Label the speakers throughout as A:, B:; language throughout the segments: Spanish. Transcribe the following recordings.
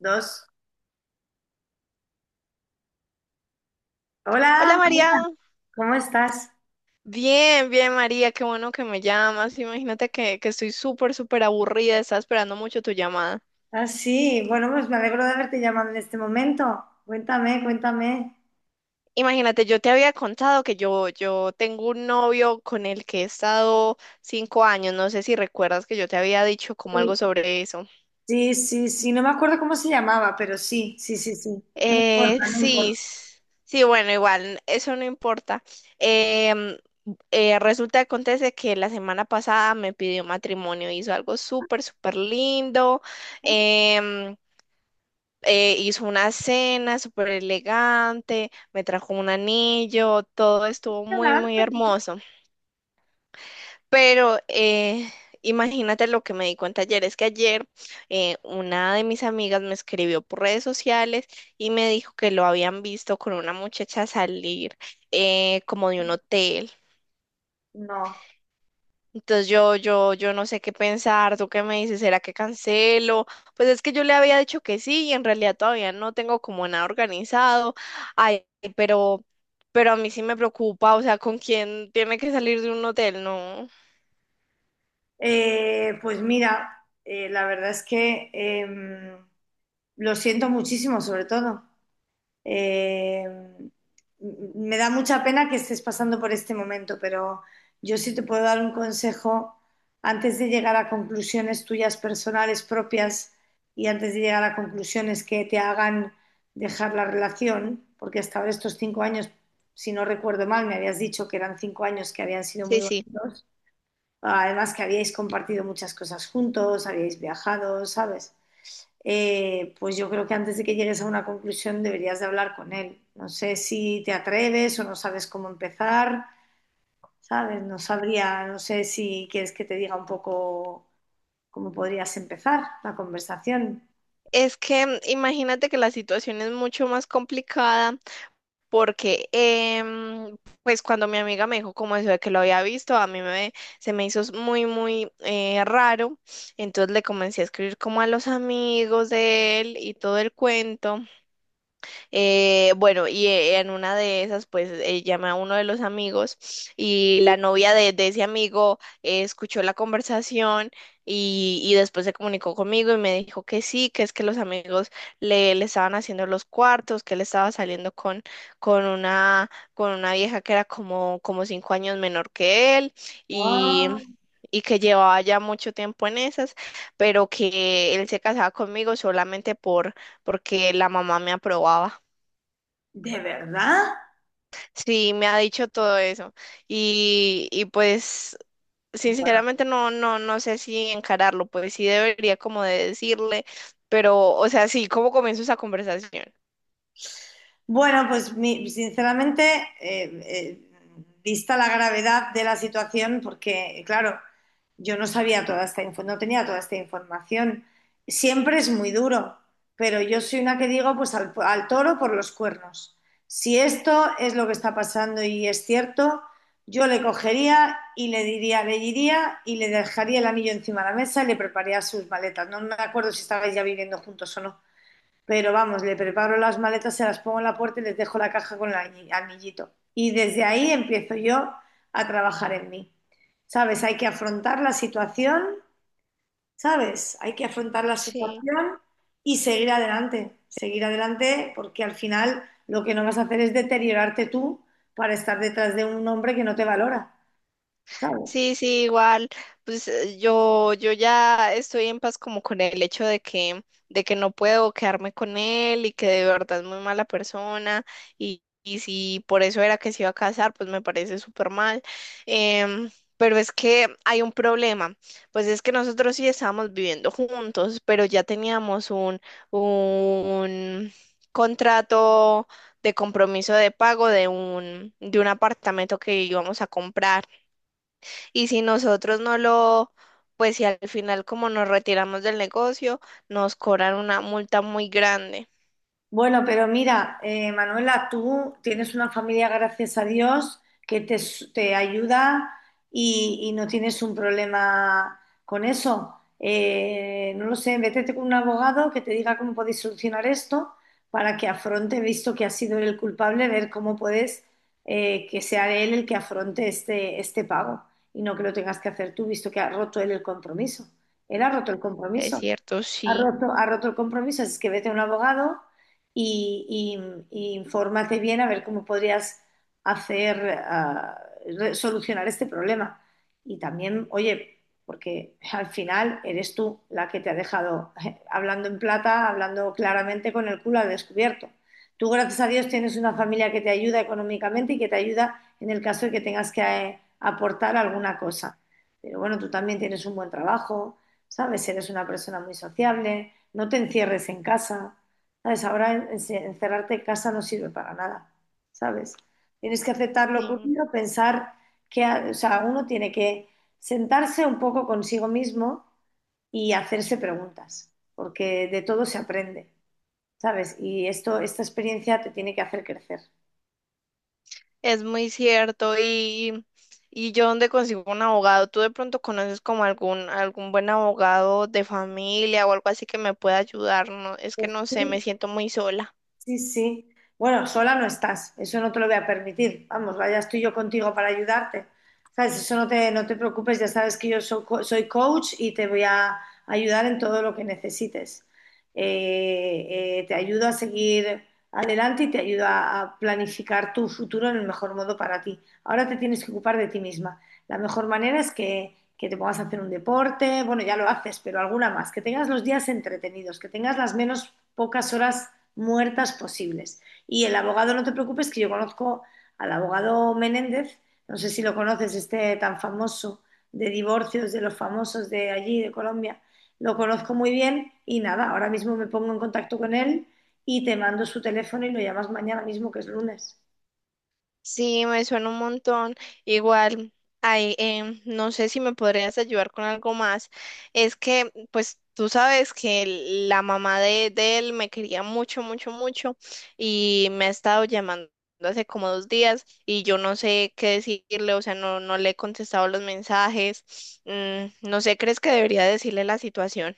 A: Dos.
B: Hola
A: Hola,
B: María,
A: ¿cómo estás?
B: bien, bien María, qué bueno que me llamas. Imagínate que estoy súper, súper aburrida, estaba esperando mucho tu llamada.
A: Ah, sí, bueno, pues me alegro de haberte llamado en este momento. Cuéntame, cuéntame.
B: Imagínate, yo te había contado que yo tengo un novio con el que he estado 5 años, no sé si recuerdas que yo te había dicho como
A: Sí,
B: algo sobre eso.
A: sí, sí, sí, no me acuerdo cómo se llamaba, pero sí, sí, sí, sí. No
B: Eh,
A: importa, no
B: sí,
A: importa.
B: s- sí, bueno, igual, eso no importa. Em, Resulta que acontece que la semana pasada me pidió matrimonio, hizo algo súper, súper lindo. Em, Hizo una cena súper elegante, me trajo un anillo, todo estuvo muy, muy hermoso. Pero imagínate lo que me di cuenta ayer, es que ayer una de mis amigas me escribió por redes sociales y me dijo que lo habían visto con una muchacha salir como de un hotel.
A: No.
B: Entonces yo no sé qué pensar, ¿tú qué me dices? ¿Será que cancelo? Pues es que yo le había dicho que sí y en realidad todavía no tengo como nada organizado. Ay, pero, pero a mí sí me preocupa, o sea, ¿con quién tiene que salir de un hotel? No.
A: Pues mira, la verdad es que em, lo siento muchísimo, sobre todo. Eh, Me da mucha pena que estés pasando por este momento, pero yo sí te puedo dar un consejo antes de llegar a conclusiones tuyas personales propias y antes de llegar a conclusiones que te hagan dejar la relación, porque hasta ahora estos 5 años, si no recuerdo mal, me habías dicho que eran 5 años que habían sido muy
B: Sí, sí.
A: bonitos, además que habíais compartido muchas cosas juntos, habíais viajado, ¿sabes? Pues yo creo que antes de que llegues a una conclusión deberías de hablar con él. No sé si te atreves o no sabes cómo empezar, ¿sabes? No sabría, no sé si quieres que te diga un poco cómo podrías empezar la conversación.
B: Es que imagínate que la situación es mucho más complicada. Porque, pues cuando mi amiga me dijo como eso de que lo había visto, se me hizo muy, muy raro. Entonces le comencé a escribir como a los amigos de él y todo el cuento. Bueno, y en una de esas, pues llama a uno de los amigos y la novia de ese amigo escuchó la conversación y después se comunicó conmigo y me dijo que sí, que es que los amigos le estaban haciendo los cuartos, que él estaba saliendo con una vieja que era como, como 5 años menor que él y...
A: Ah,
B: y que llevaba ya mucho tiempo en esas, pero que él se casaba conmigo solamente porque la mamá me aprobaba.
A: ¿de verdad?
B: Sí, me ha dicho todo eso. Y pues sinceramente no sé si encararlo, pues sí debería como de decirle, pero, o sea, sí, ¿cómo comienzo esa conversación?
A: Bueno, pues sinceramente, eh, eh, vista la gravedad de la situación, porque claro, yo no sabía toda esta info, no tenía toda esta información. Siempre es muy duro, pero yo soy una que digo, pues al toro por los cuernos. Si esto es lo que está pasando y es cierto, yo le cogería y le diría, le iría y le dejaría el anillo encima de la mesa y le prepararía sus maletas. No me acuerdo si estabais ya viviendo juntos o no. Pero vamos, le preparo las maletas, se las pongo en la puerta y les dejo la caja con el anillito. Y desde ahí empiezo yo a trabajar en mí. ¿Sabes? Hay que afrontar la situación, ¿sabes? Hay que afrontar la
B: Sí.
A: situación y seguir adelante. Seguir adelante porque al final lo que no vas a hacer es deteriorarte tú para estar detrás de un hombre que no te valora, ¿sabes?
B: Sí, sí, igual, pues yo ya estoy en paz como con el hecho de que no puedo quedarme con él y que de verdad es muy mala persona y si por eso era que se iba a casar, pues me parece súper mal. Em, pero es que hay un problema, pues es que nosotros sí estábamos viviendo juntos, pero ya teníamos un contrato de compromiso de pago de un apartamento que íbamos a comprar. Y si nosotros no lo, pues si al final como nos retiramos del negocio, nos cobran una multa muy grande.
A: Bueno, pero mira, Manuela, tú tienes una familia, gracias a Dios, que te, te ayuda y no tienes un problema con eso. No lo sé, vete con un abogado que te diga cómo podéis solucionar esto para que afronte, visto que ha sido él el culpable, ver cómo puedes que sea él el que afronte este pago y no que lo tengas que hacer tú, visto que ha roto él el compromiso. Él ha roto el
B: Es
A: compromiso.
B: cierto, sí.
A: Ha roto el compromiso, así es que vete a un abogado y, y infórmate bien a ver cómo podrías hacer, ah, solucionar este problema. Y también, oye, porque al final eres tú la que te ha dejado hablando en plata, hablando claramente con el culo al descubierto. Tú, gracias a Dios, tienes una familia que te ayuda económicamente y que te ayuda en el caso de que tengas que aportar alguna cosa. Pero bueno, tú también tienes un buen trabajo ¿sabes? Si eres una persona muy sociable, no te encierres en casa, ¿sabes? Ahora encerrarte en casa no sirve para nada, ¿sabes? Tienes que aceptar lo
B: Sí,
A: ocurrido, pensar que, o sea, uno tiene que sentarse un poco consigo mismo y hacerse preguntas, porque de todo se aprende, ¿sabes? Y esto, esta experiencia te tiene que hacer crecer.
B: es muy cierto. Y yo dónde consigo un abogado, ¿tú de pronto conoces como algún, algún buen abogado de familia o algo así que me pueda ayudar? No, es que
A: Pues
B: no sé,
A: sí,
B: me siento muy sola.
A: sí, sí. Bueno, sola no estás, eso no te lo voy a permitir. Vamos, vaya, estoy yo contigo para ayudarte. ¿Sabes? Eso no te, no te preocupes, ya sabes que yo soy, soy coach y te voy a ayudar en todo lo que necesites. Te ayudo a seguir adelante y te ayudo a planificar tu futuro en el mejor modo para ti. Ahora te tienes que ocupar de ti misma. La mejor manera es que te pongas a hacer un deporte, bueno, ya lo haces, pero alguna más, que tengas los días entretenidos, que tengas las menos pocas horas muertas posibles. Y el abogado, no te preocupes, que yo conozco al abogado Menéndez, no sé si lo conoces, este tan famoso de divorcios de los famosos de allí, de Colombia, lo conozco muy bien y nada, ahora mismo me pongo en contacto con él y te mando su teléfono y lo llamas mañana mismo, que es lunes.
B: Sí, me suena un montón. Igual, ay, no sé si me podrías ayudar con algo más. Es que, pues, tú sabes que la mamá de él me quería mucho, mucho, mucho y me ha estado llamando hace como 2 días y yo no sé qué decirle, o sea, no, no le he contestado los mensajes. No sé, ¿crees que debería decirle la situación?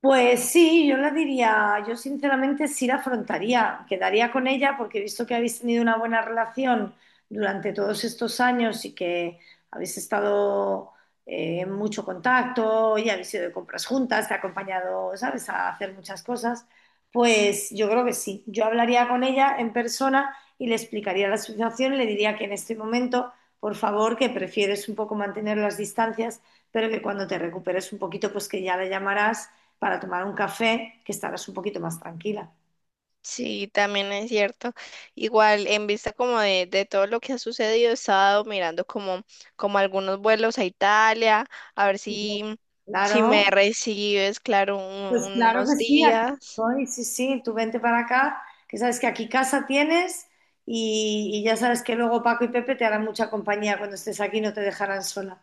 A: Pues sí, yo la diría, yo sinceramente sí la afrontaría, quedaría con ella porque he visto que habéis tenido una buena relación durante todos estos años y que habéis estado en mucho contacto y habéis ido de compras juntas, te ha acompañado, ¿sabes?, a hacer muchas cosas. Pues yo creo que sí, yo hablaría con ella en persona y le explicaría la situación y le diría que en este momento, por favor, que prefieres un poco mantener las distancias, pero que cuando te recuperes un poquito, pues que ya la llamarás para tomar un café, que estarás un poquito más tranquila.
B: Sí, también es cierto. Igual, en vista como de todo lo que ha sucedido, he estado mirando como algunos vuelos a Italia, a ver si, si me
A: Claro,
B: recibes, claro,
A: pues claro que
B: unos
A: sí, aquí
B: días.
A: estoy, sí, sí, tú vente para acá, que sabes que aquí casa tienes y ya sabes que luego Paco y Pepe te harán mucha compañía cuando estés aquí, no te dejarán sola.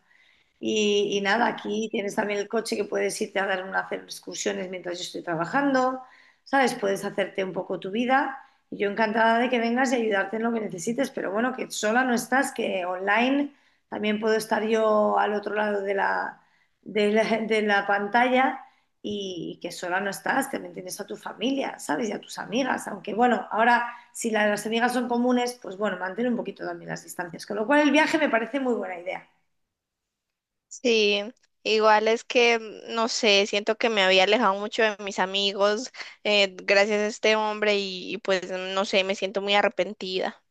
A: Y nada, aquí tienes también el coche que puedes irte a dar una, hacer excursiones mientras yo estoy trabajando, ¿sabes? Puedes hacerte un poco tu vida. Y yo encantada de que vengas y ayudarte en lo que necesites, pero bueno, que sola no estás, que online también puedo estar yo al otro lado de de la pantalla y que sola no estás, que también tienes a tu familia, ¿sabes? Y a tus amigas, aunque bueno, ahora si las amigas son comunes, pues bueno, mantén un poquito también las distancias, con lo cual el viaje me parece muy buena idea.
B: Sí, igual es que, no sé, siento que me había alejado mucho de mis amigos, gracias a este hombre y pues, no sé, me siento muy arrepentida.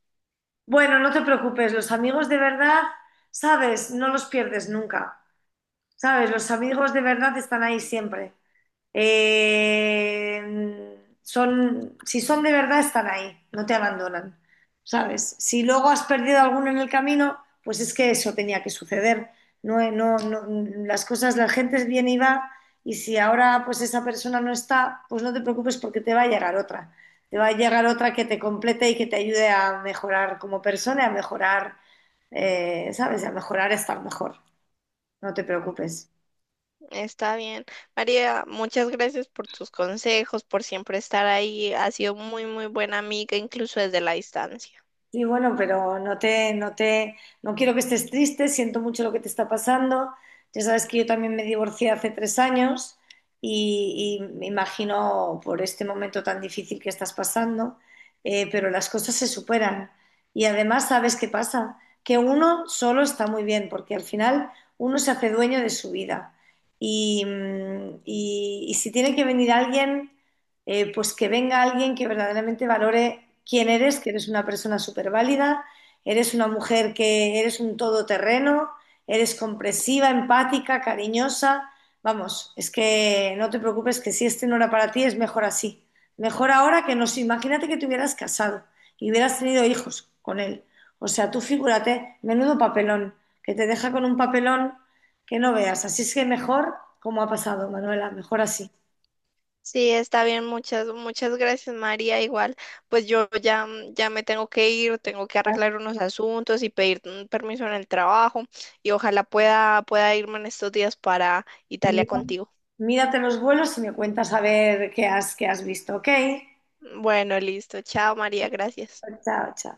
A: Bueno, no te preocupes, los amigos de verdad, sabes, no los pierdes nunca, sabes, los amigos de verdad están ahí siempre. Eh, Son, si son de verdad, están ahí, no te abandonan, ¿sabes? Si luego has perdido alguno en el camino, pues es que eso tenía que suceder. No, no, no, las cosas, la gente viene y va, y si ahora pues esa persona no está, pues no te preocupes porque te va a llegar otra. Te va a llegar otra que te complete y que te ayude a mejorar como persona, y a mejorar, ¿sabes? A mejorar, a estar mejor. No te preocupes.
B: Está bien. María, muchas gracias por tus consejos, por siempre estar ahí. Ha sido muy, muy buena amiga, incluso desde la distancia.
A: Sí, bueno, pero no te, no te, no quiero que estés triste, siento mucho lo que te está pasando. Ya sabes que yo también me divorcié hace 3 años y me imagino por este momento tan difícil que estás pasando, pero las cosas se superan. Y además, ¿sabes qué pasa? Que uno solo está muy bien, porque al final uno se hace dueño de su vida. Y, y si tiene que venir alguien pues que venga alguien que verdaderamente valore quién eres, que eres una persona súper válida, eres una mujer que eres un todoterreno, eres compresiva, empática, cariñosa. Vamos, es que no te preocupes que si este no era para ti, es mejor así. Mejor ahora que no sé, imagínate que te hubieras casado y hubieras tenido hijos con él. O sea, tú figúrate, menudo papelón, que te deja con un papelón que no veas. Así es que mejor como ha pasado, Manuela, mejor así.
B: Sí, está bien. Muchas, muchas gracias, María. Igual, pues yo ya, ya me tengo que ir, tengo que arreglar unos asuntos y pedir permiso en el trabajo. Y ojalá pueda, pueda irme en estos días para Italia
A: Mira-
B: contigo.
A: mírate los vuelos y me cuentas a ver qué has visto, ¿ok?
B: Bueno, listo. Chao, María. Gracias.
A: Chao, chao.